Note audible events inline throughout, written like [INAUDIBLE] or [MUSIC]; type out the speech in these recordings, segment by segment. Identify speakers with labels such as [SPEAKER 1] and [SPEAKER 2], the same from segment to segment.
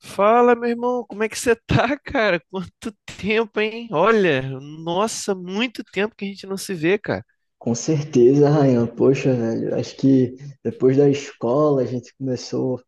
[SPEAKER 1] Fala, meu irmão, como é que você tá, [LAUGHS] cara? Quanto tempo, hein? Olha, nossa, muito tempo que a gente não se vê, cara.
[SPEAKER 2] Com certeza, Rayan. Poxa, velho, acho que depois da escola a gente começou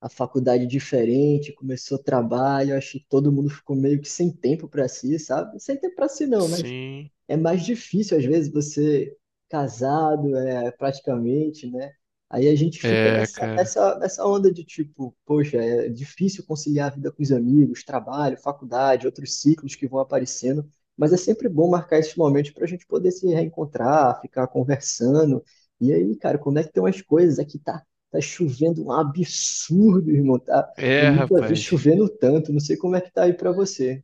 [SPEAKER 2] a faculdade diferente, começou trabalho, acho que todo mundo ficou meio que sem tempo para si, sabe? Sem tempo para si não, mas
[SPEAKER 1] Sim,
[SPEAKER 2] é mais difícil às vezes você casado, é, praticamente, né? Aí a gente fica
[SPEAKER 1] é,
[SPEAKER 2] nessa,
[SPEAKER 1] cara.
[SPEAKER 2] nessa, nessa onda de tipo, poxa, é difícil conciliar a vida com os amigos, trabalho, faculdade, outros ciclos que vão aparecendo. Mas é sempre bom marcar esses momentos para a gente poder se reencontrar, ficar conversando. E aí, cara, como é que tem umas coisas? Aqui tá chovendo um absurdo, irmão. Tá? Eu
[SPEAKER 1] É,
[SPEAKER 2] nunca vi
[SPEAKER 1] rapaz.
[SPEAKER 2] chovendo tanto. Não sei como é que tá aí para você.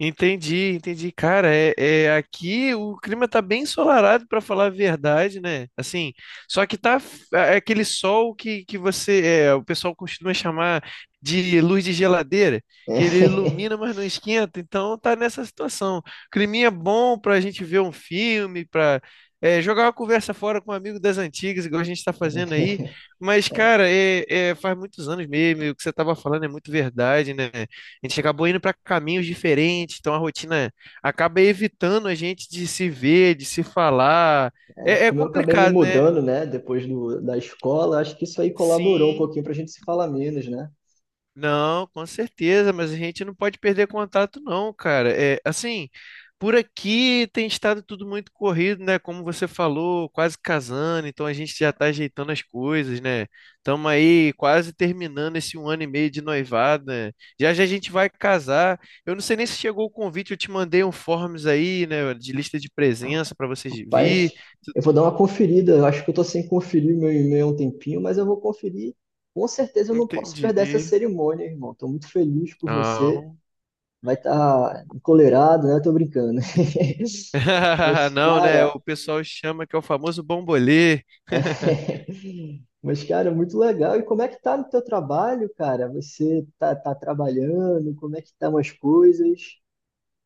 [SPEAKER 1] Entendi, entendi. Cara, aqui o clima tá bem ensolarado, pra falar a verdade, né? Assim, só que é aquele sol que você, o pessoal costuma chamar de luz de geladeira, que ele ilumina,
[SPEAKER 2] [LAUGHS]
[SPEAKER 1] mas não esquenta. Então tá nessa situação. Climinha bom pra gente ver um filme, pra jogar uma conversa fora com um amigo das antigas, igual a gente tá fazendo aí. Mas, cara, faz muitos anos mesmo, e o que você tava falando é muito verdade, né? A gente acabou indo para caminhos diferentes, então a rotina acaba evitando a gente de se ver, de se falar.
[SPEAKER 2] É,
[SPEAKER 1] É, é
[SPEAKER 2] como eu acabei me
[SPEAKER 1] complicado, né?
[SPEAKER 2] mudando, né, depois da escola, acho que isso aí colaborou um
[SPEAKER 1] Sim.
[SPEAKER 2] pouquinho para a gente se falar menos, né?
[SPEAKER 1] Não, com certeza, mas a gente não pode perder contato, não, cara. É assim, por aqui tem estado tudo muito corrido, né? Como você falou, quase casando, então a gente já está ajeitando as coisas, né? Estamos aí quase terminando esse um ano e meio de noivado, né? Já já a gente vai casar. Eu não sei nem se chegou o convite, eu te mandei um forms aí, né? De lista de presença para vocês
[SPEAKER 2] Rapaz,
[SPEAKER 1] vir.
[SPEAKER 2] eu vou dar uma conferida. Eu acho que eu tô sem conferir meu e-mail há um tempinho, mas eu vou conferir. Com certeza eu não posso perder essa
[SPEAKER 1] Entendi.
[SPEAKER 2] cerimônia, irmão. Tô muito feliz por você.
[SPEAKER 1] Não.
[SPEAKER 2] Vai estar encolerado, né? Tô brincando. [LAUGHS]
[SPEAKER 1] [LAUGHS]
[SPEAKER 2] Mas,
[SPEAKER 1] Não, né?
[SPEAKER 2] cara,
[SPEAKER 1] O pessoal chama que é o famoso bombolê. [LAUGHS]
[SPEAKER 2] mas, cara, muito legal. E como é que tá no teu trabalho, cara? Você tá trabalhando? Como é que estão as coisas?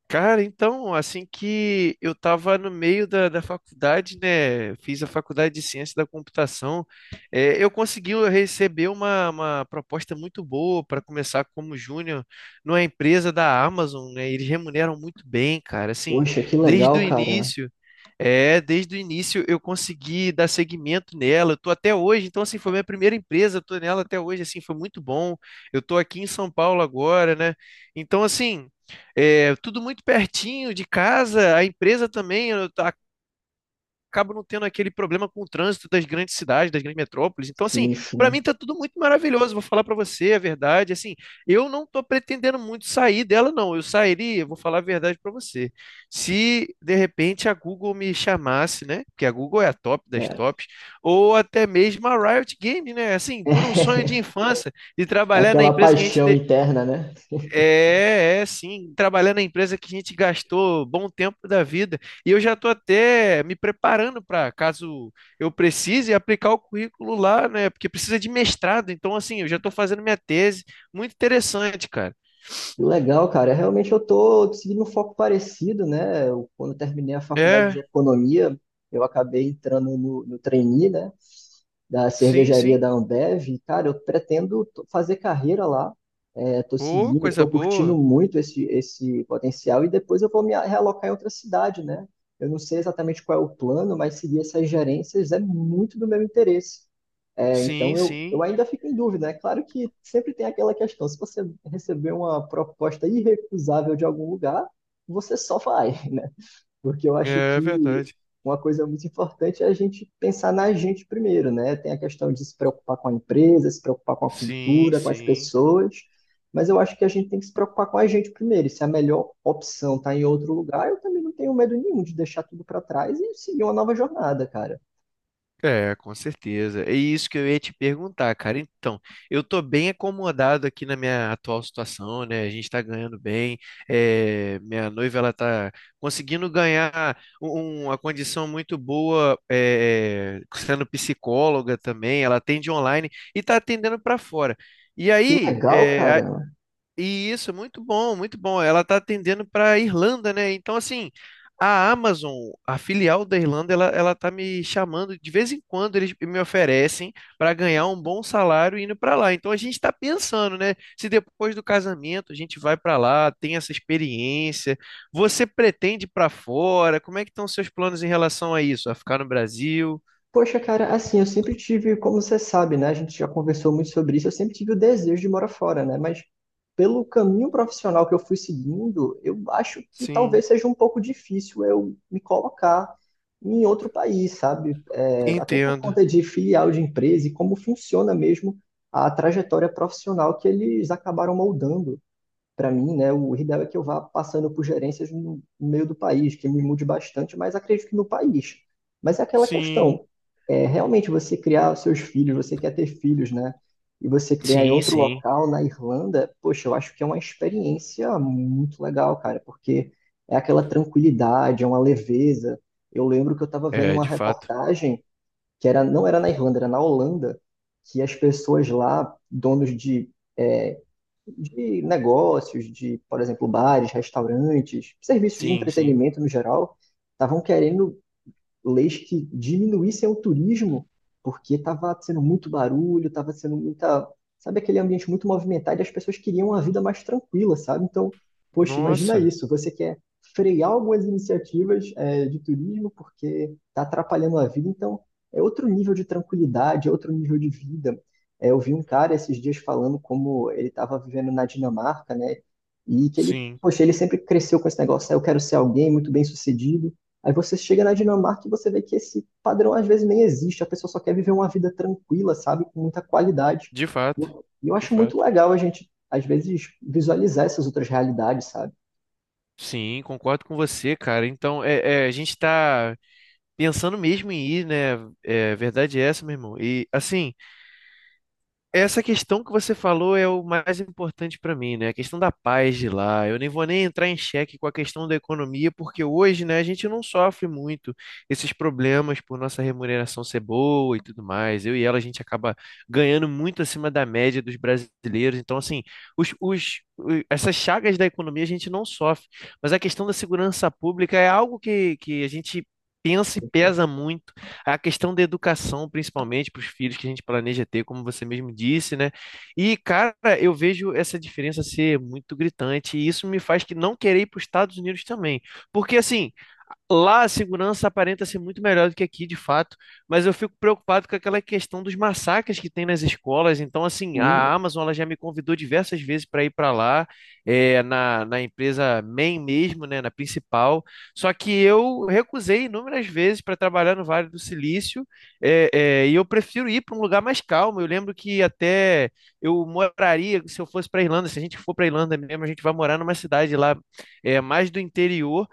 [SPEAKER 1] Cara, então, assim que eu tava no meio da faculdade, né? Fiz a faculdade de ciência da computação, eu consegui receber uma proposta muito boa para começar como júnior numa empresa da Amazon, né? Eles remuneram muito bem, cara. Assim,
[SPEAKER 2] Poxa, que legal,
[SPEAKER 1] desde o
[SPEAKER 2] cara.
[SPEAKER 1] início, desde o início eu consegui dar seguimento nela. Eu tô até hoje, então, assim, foi minha primeira empresa, eu tô nela até hoje, assim, foi muito bom. Eu tô aqui em São Paulo agora, né? Então, assim. É, tudo muito pertinho de casa, a empresa também, acabo não tendo aquele problema com o trânsito das grandes cidades, das grandes metrópoles. Então, assim,
[SPEAKER 2] Sim,
[SPEAKER 1] para mim
[SPEAKER 2] sim.
[SPEAKER 1] tá tudo muito maravilhoso, vou falar para você a verdade, assim, eu não tô pretendendo muito sair dela, não. Eu sairia, vou falar a verdade para você. Se de repente a Google me chamasse, né? Porque a Google é a top das
[SPEAKER 2] É.
[SPEAKER 1] tops, ou até mesmo a Riot Games, né? Assim, por um sonho de
[SPEAKER 2] [LAUGHS]
[SPEAKER 1] infância, de
[SPEAKER 2] É
[SPEAKER 1] trabalhar na
[SPEAKER 2] aquela
[SPEAKER 1] empresa que a gente
[SPEAKER 2] paixão interna, né?
[SPEAKER 1] trabalhar na empresa que a gente gastou bom tempo da vida. E eu já estou até me preparando para, caso eu precise, aplicar o currículo lá, né? Porque precisa de mestrado. Então, assim, eu já estou fazendo minha tese. Muito interessante, cara.
[SPEAKER 2] E o legal, cara. É realmente eu tô seguindo um foco parecido, né? Eu, quando eu terminei a faculdade de
[SPEAKER 1] É,
[SPEAKER 2] economia, eu acabei entrando no trainee, né? Da
[SPEAKER 1] sim,
[SPEAKER 2] cervejaria
[SPEAKER 1] sim.
[SPEAKER 2] da Ambev. E, cara, eu pretendo fazer carreira lá. É, tô
[SPEAKER 1] Ô,
[SPEAKER 2] seguindo,
[SPEAKER 1] coisa
[SPEAKER 2] tô curtindo
[SPEAKER 1] boa.
[SPEAKER 2] muito esse potencial e depois eu vou me realocar em outra cidade, né? Eu não sei exatamente qual é o plano, mas seguir essas gerências é muito do meu interesse. É, então
[SPEAKER 1] Sim,
[SPEAKER 2] eu
[SPEAKER 1] sim.
[SPEAKER 2] ainda fico em dúvida. É claro que sempre tem aquela questão, se você receber uma proposta irrecusável de algum lugar, você só vai, [LAUGHS] né? Porque eu acho
[SPEAKER 1] É
[SPEAKER 2] que
[SPEAKER 1] verdade.
[SPEAKER 2] uma coisa muito importante é a gente pensar na gente primeiro, né? Tem a questão de se preocupar com a empresa, se preocupar com a
[SPEAKER 1] Sim,
[SPEAKER 2] cultura, com as
[SPEAKER 1] sim.
[SPEAKER 2] pessoas, mas eu acho que a gente tem que se preocupar com a gente primeiro. E se a melhor opção está em outro lugar, eu também não tenho medo nenhum de deixar tudo para trás e seguir uma nova jornada, cara.
[SPEAKER 1] É, com certeza. É isso que eu ia te perguntar, cara. Então, eu tô bem acomodado aqui na minha atual situação, né? A gente tá ganhando bem. É, minha noiva, ela tá conseguindo ganhar uma condição muito boa, é, sendo psicóloga também. Ela atende online e tá atendendo para fora. E
[SPEAKER 2] Que
[SPEAKER 1] aí,
[SPEAKER 2] legal,
[SPEAKER 1] é,
[SPEAKER 2] cara.
[SPEAKER 1] e isso, é muito bom, muito bom. Ela está atendendo para a Irlanda, né? Então, assim, a Amazon, a filial da Irlanda, ela tá me chamando de vez em quando, eles me oferecem para ganhar um bom salário indo para lá. Então, a gente está pensando, né? Se depois do casamento a gente vai para lá, tem essa experiência, você pretende ir para fora? Como é que estão seus planos em relação a isso? A ficar no Brasil?
[SPEAKER 2] Poxa, cara, assim, eu sempre tive, como você sabe, né? A gente já conversou muito sobre isso, eu sempre tive o desejo de morar fora, né? Mas pelo caminho profissional que eu fui seguindo, eu acho que
[SPEAKER 1] Sim,
[SPEAKER 2] talvez seja um pouco difícil eu me colocar em outro país, sabe? É, até por
[SPEAKER 1] entendo.
[SPEAKER 2] conta de filial de empresa e como funciona mesmo a trajetória profissional que eles acabaram moldando para mim, né, o ideal é que eu vá passando por gerências no meio do país, que me mude bastante, mas acredito que no país. Mas é aquela
[SPEAKER 1] Sim,
[SPEAKER 2] questão, é, realmente você criar os seus filhos, você quer ter filhos, né? E você criar em
[SPEAKER 1] sim,
[SPEAKER 2] outro
[SPEAKER 1] sim.
[SPEAKER 2] local, na Irlanda, poxa, eu acho que é uma experiência muito legal, cara, porque é aquela tranquilidade, é uma leveza. Eu lembro que eu estava vendo
[SPEAKER 1] É,
[SPEAKER 2] uma
[SPEAKER 1] de fato.
[SPEAKER 2] reportagem que era, não era na Irlanda, era na Holanda, que as pessoas lá, donos de negócios, de, por exemplo, bares, restaurantes, serviços de
[SPEAKER 1] Sim, sim.
[SPEAKER 2] entretenimento no geral, estavam querendo leis que diminuíssem o turismo, porque estava sendo muito barulho, estava sendo muita. Sabe aquele ambiente muito movimentado e as pessoas queriam uma vida mais tranquila, sabe? Então, poxa, imagina
[SPEAKER 1] Nossa.
[SPEAKER 2] isso. Você quer frear algumas iniciativas, é, de turismo porque está atrapalhando a vida, então é outro nível de tranquilidade, é outro nível de vida. É, eu vi um cara esses dias falando como ele estava vivendo na Dinamarca, né? E que ele,
[SPEAKER 1] Sim,
[SPEAKER 2] poxa, ele sempre cresceu com esse negócio, "Ah, eu quero ser alguém muito bem-sucedido." Aí você chega na Dinamarca e você vê que esse padrão às vezes nem existe, a pessoa só quer viver uma vida tranquila, sabe, com muita qualidade.
[SPEAKER 1] de
[SPEAKER 2] E
[SPEAKER 1] fato,
[SPEAKER 2] eu
[SPEAKER 1] de
[SPEAKER 2] acho muito
[SPEAKER 1] fato.
[SPEAKER 2] legal a gente, às vezes, visualizar essas outras realidades, sabe?
[SPEAKER 1] Sim, concordo com você, cara. Então, a gente tá pensando mesmo em ir, né? É, verdade é essa, meu irmão. E, assim, essa questão que você falou é o mais importante para mim, né? A questão da paz de lá. Eu nem vou nem entrar em xeque com a questão da economia, porque hoje, né, a gente não sofre muito esses problemas por nossa remuneração ser boa e tudo mais. Eu e ela, a gente acaba ganhando muito acima da média dos brasileiros. Então, assim, essas chagas da economia a gente não sofre. Mas a questão da segurança pública é algo que a gente pensa e
[SPEAKER 2] Então,
[SPEAKER 1] pesa muito a questão da educação, principalmente para os filhos que a gente planeja ter, como você mesmo disse, né? E, cara, eu vejo essa diferença ser muito gritante, e isso me faz que não querer ir para os Estados Unidos também. Porque, assim, lá a segurança aparenta ser muito melhor do que aqui, de fato, mas eu fico preocupado com aquela questão dos massacres que tem nas escolas. Então, assim,
[SPEAKER 2] hum,
[SPEAKER 1] a Amazon ela já me convidou diversas vezes para ir para lá, na empresa main mesmo, né, na principal. Só que eu recusei inúmeras vezes para trabalhar no Vale do Silício, e eu prefiro ir para um lugar mais calmo. Eu lembro que até eu moraria, se eu fosse para Irlanda, se a gente for para Irlanda mesmo, a gente vai morar numa cidade lá, mais do interior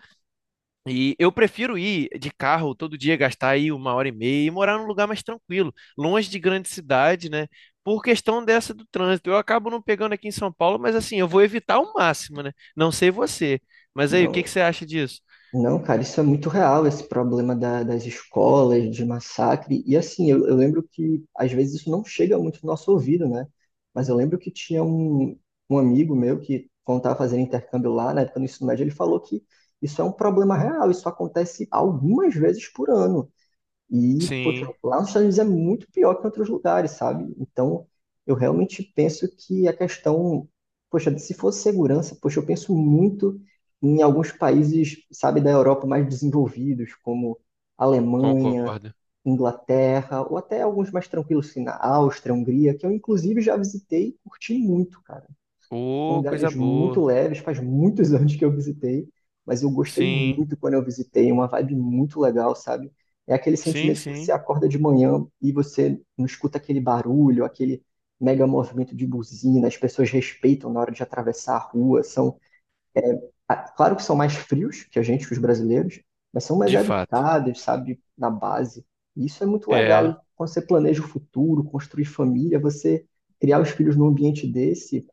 [SPEAKER 1] e eu prefiro ir de carro todo dia, gastar aí uma hora e meia e morar num lugar mais tranquilo, longe de grande cidade, né? Por questão dessa do trânsito. Eu acabo não pegando aqui em São Paulo, mas assim, eu vou evitar ao máximo, né? Não sei você. Mas aí, o que
[SPEAKER 2] não,
[SPEAKER 1] que você acha disso?
[SPEAKER 2] não, cara, isso é muito real, esse problema das escolas, de massacre. E assim, eu lembro que às vezes isso não chega muito no nosso ouvido, né? Mas eu lembro que tinha um amigo meu que, quando estava fazendo intercâmbio lá, na época do ensino médio, ele falou que isso é um problema real, isso acontece algumas vezes por ano. E, poxa,
[SPEAKER 1] Sim,
[SPEAKER 2] lá nos Estados Unidos é muito pior que em outros lugares, sabe? Então, eu realmente penso que a questão, poxa, se fosse segurança, poxa, eu penso muito em alguns países, sabe, da Europa mais desenvolvidos, como Alemanha,
[SPEAKER 1] concordo.
[SPEAKER 2] Inglaterra, ou até alguns mais tranquilos, assim, na Áustria, Hungria, que eu inclusive já visitei e curti muito, cara,
[SPEAKER 1] Ô, coisa
[SPEAKER 2] lugares muito
[SPEAKER 1] boa.
[SPEAKER 2] leves, faz muitos [LAUGHS] anos que eu visitei, mas eu gostei
[SPEAKER 1] Sim,
[SPEAKER 2] muito quando eu visitei, uma vibe muito legal, sabe? É aquele
[SPEAKER 1] sim,
[SPEAKER 2] sentimento que você
[SPEAKER 1] sim.
[SPEAKER 2] acorda de manhã e você não escuta aquele barulho, aquele mega movimento de buzina, as pessoas respeitam na hora de atravessar a rua, são, ah, claro que são mais frios que a gente, que os brasileiros, mas são mais
[SPEAKER 1] De fato.
[SPEAKER 2] educados, sabe, na base. E isso é muito legal.
[SPEAKER 1] É.
[SPEAKER 2] E quando você planeja o futuro, construir família, você criar os filhos num ambiente desse,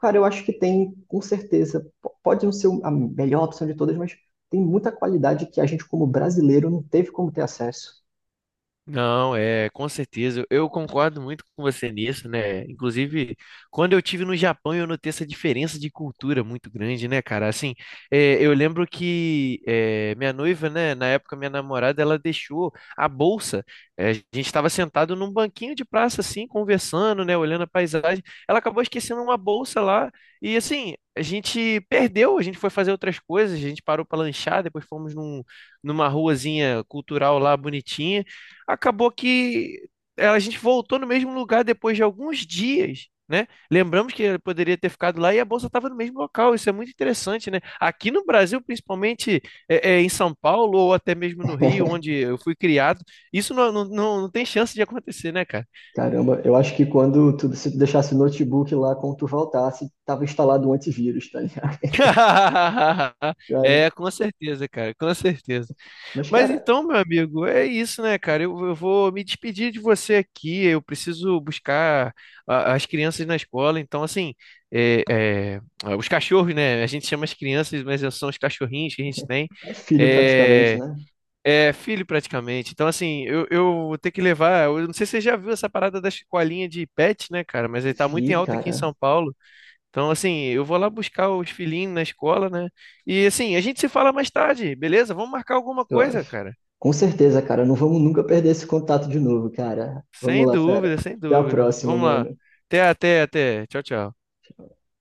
[SPEAKER 2] cara, eu acho que tem, com certeza. Pode não ser a melhor opção de todas, mas tem muita qualidade que a gente, como brasileiro, não teve como ter acesso.
[SPEAKER 1] Não, é, com certeza. Eu concordo muito com você nisso, né? Inclusive, quando eu tive no Japão, eu notei essa diferença de cultura muito grande, né, cara? Assim, é, eu lembro que é, minha noiva, né, na época minha namorada, ela deixou a bolsa. É, a gente estava sentado num banquinho de praça, assim, conversando, né, olhando a paisagem. Ela acabou esquecendo uma bolsa lá e, assim, a gente perdeu. A gente foi fazer outras coisas, a gente parou para lanchar, depois fomos numa ruazinha cultural lá bonitinha. Acabou que a gente voltou no mesmo lugar depois de alguns dias, né? Lembramos que ele poderia ter ficado lá e a bolsa estava no mesmo local. Isso é muito interessante, né? Aqui no Brasil, principalmente em São Paulo ou até mesmo no Rio, onde
[SPEAKER 2] [LAUGHS]
[SPEAKER 1] eu fui criado, isso não, não, não, não tem chance de acontecer, né, cara?
[SPEAKER 2] Caramba, eu acho que quando tu, se tu deixasse o notebook lá, quando tu voltasse, tava instalado um antivírus, tá ligado?
[SPEAKER 1] [LAUGHS]
[SPEAKER 2] [LAUGHS] Cara,
[SPEAKER 1] É, com certeza, cara, com certeza.
[SPEAKER 2] mas,
[SPEAKER 1] Mas
[SPEAKER 2] cara,
[SPEAKER 1] então, meu amigo, é isso, né, cara? Eu vou me despedir de você aqui. Eu preciso buscar as crianças na escola. Então, assim, é, é, ah, os cachorros, né? A gente chama as crianças, mas são os cachorrinhos que a gente tem.
[SPEAKER 2] é filho praticamente,
[SPEAKER 1] É,
[SPEAKER 2] né?
[SPEAKER 1] é filho praticamente. Então, assim, eu vou ter que levar. Eu não sei se você já viu essa parada da escolinha de pet, né, cara? Mas ele tá muito em
[SPEAKER 2] Vi,
[SPEAKER 1] alta aqui em
[SPEAKER 2] cara,
[SPEAKER 1] São Paulo. Então, assim, eu vou lá buscar os filhinhos na escola, né? E assim, a gente se fala mais tarde, beleza? Vamos marcar alguma
[SPEAKER 2] eu
[SPEAKER 1] coisa,
[SPEAKER 2] acho.
[SPEAKER 1] cara.
[SPEAKER 2] Com certeza, cara, não vamos nunca perder esse contato de novo, cara. Vamos
[SPEAKER 1] Sem
[SPEAKER 2] lá, fera.
[SPEAKER 1] dúvida, sem
[SPEAKER 2] Até a
[SPEAKER 1] dúvida.
[SPEAKER 2] próxima,
[SPEAKER 1] Vamos lá.
[SPEAKER 2] mano.
[SPEAKER 1] Até, até, até. Tchau, tchau.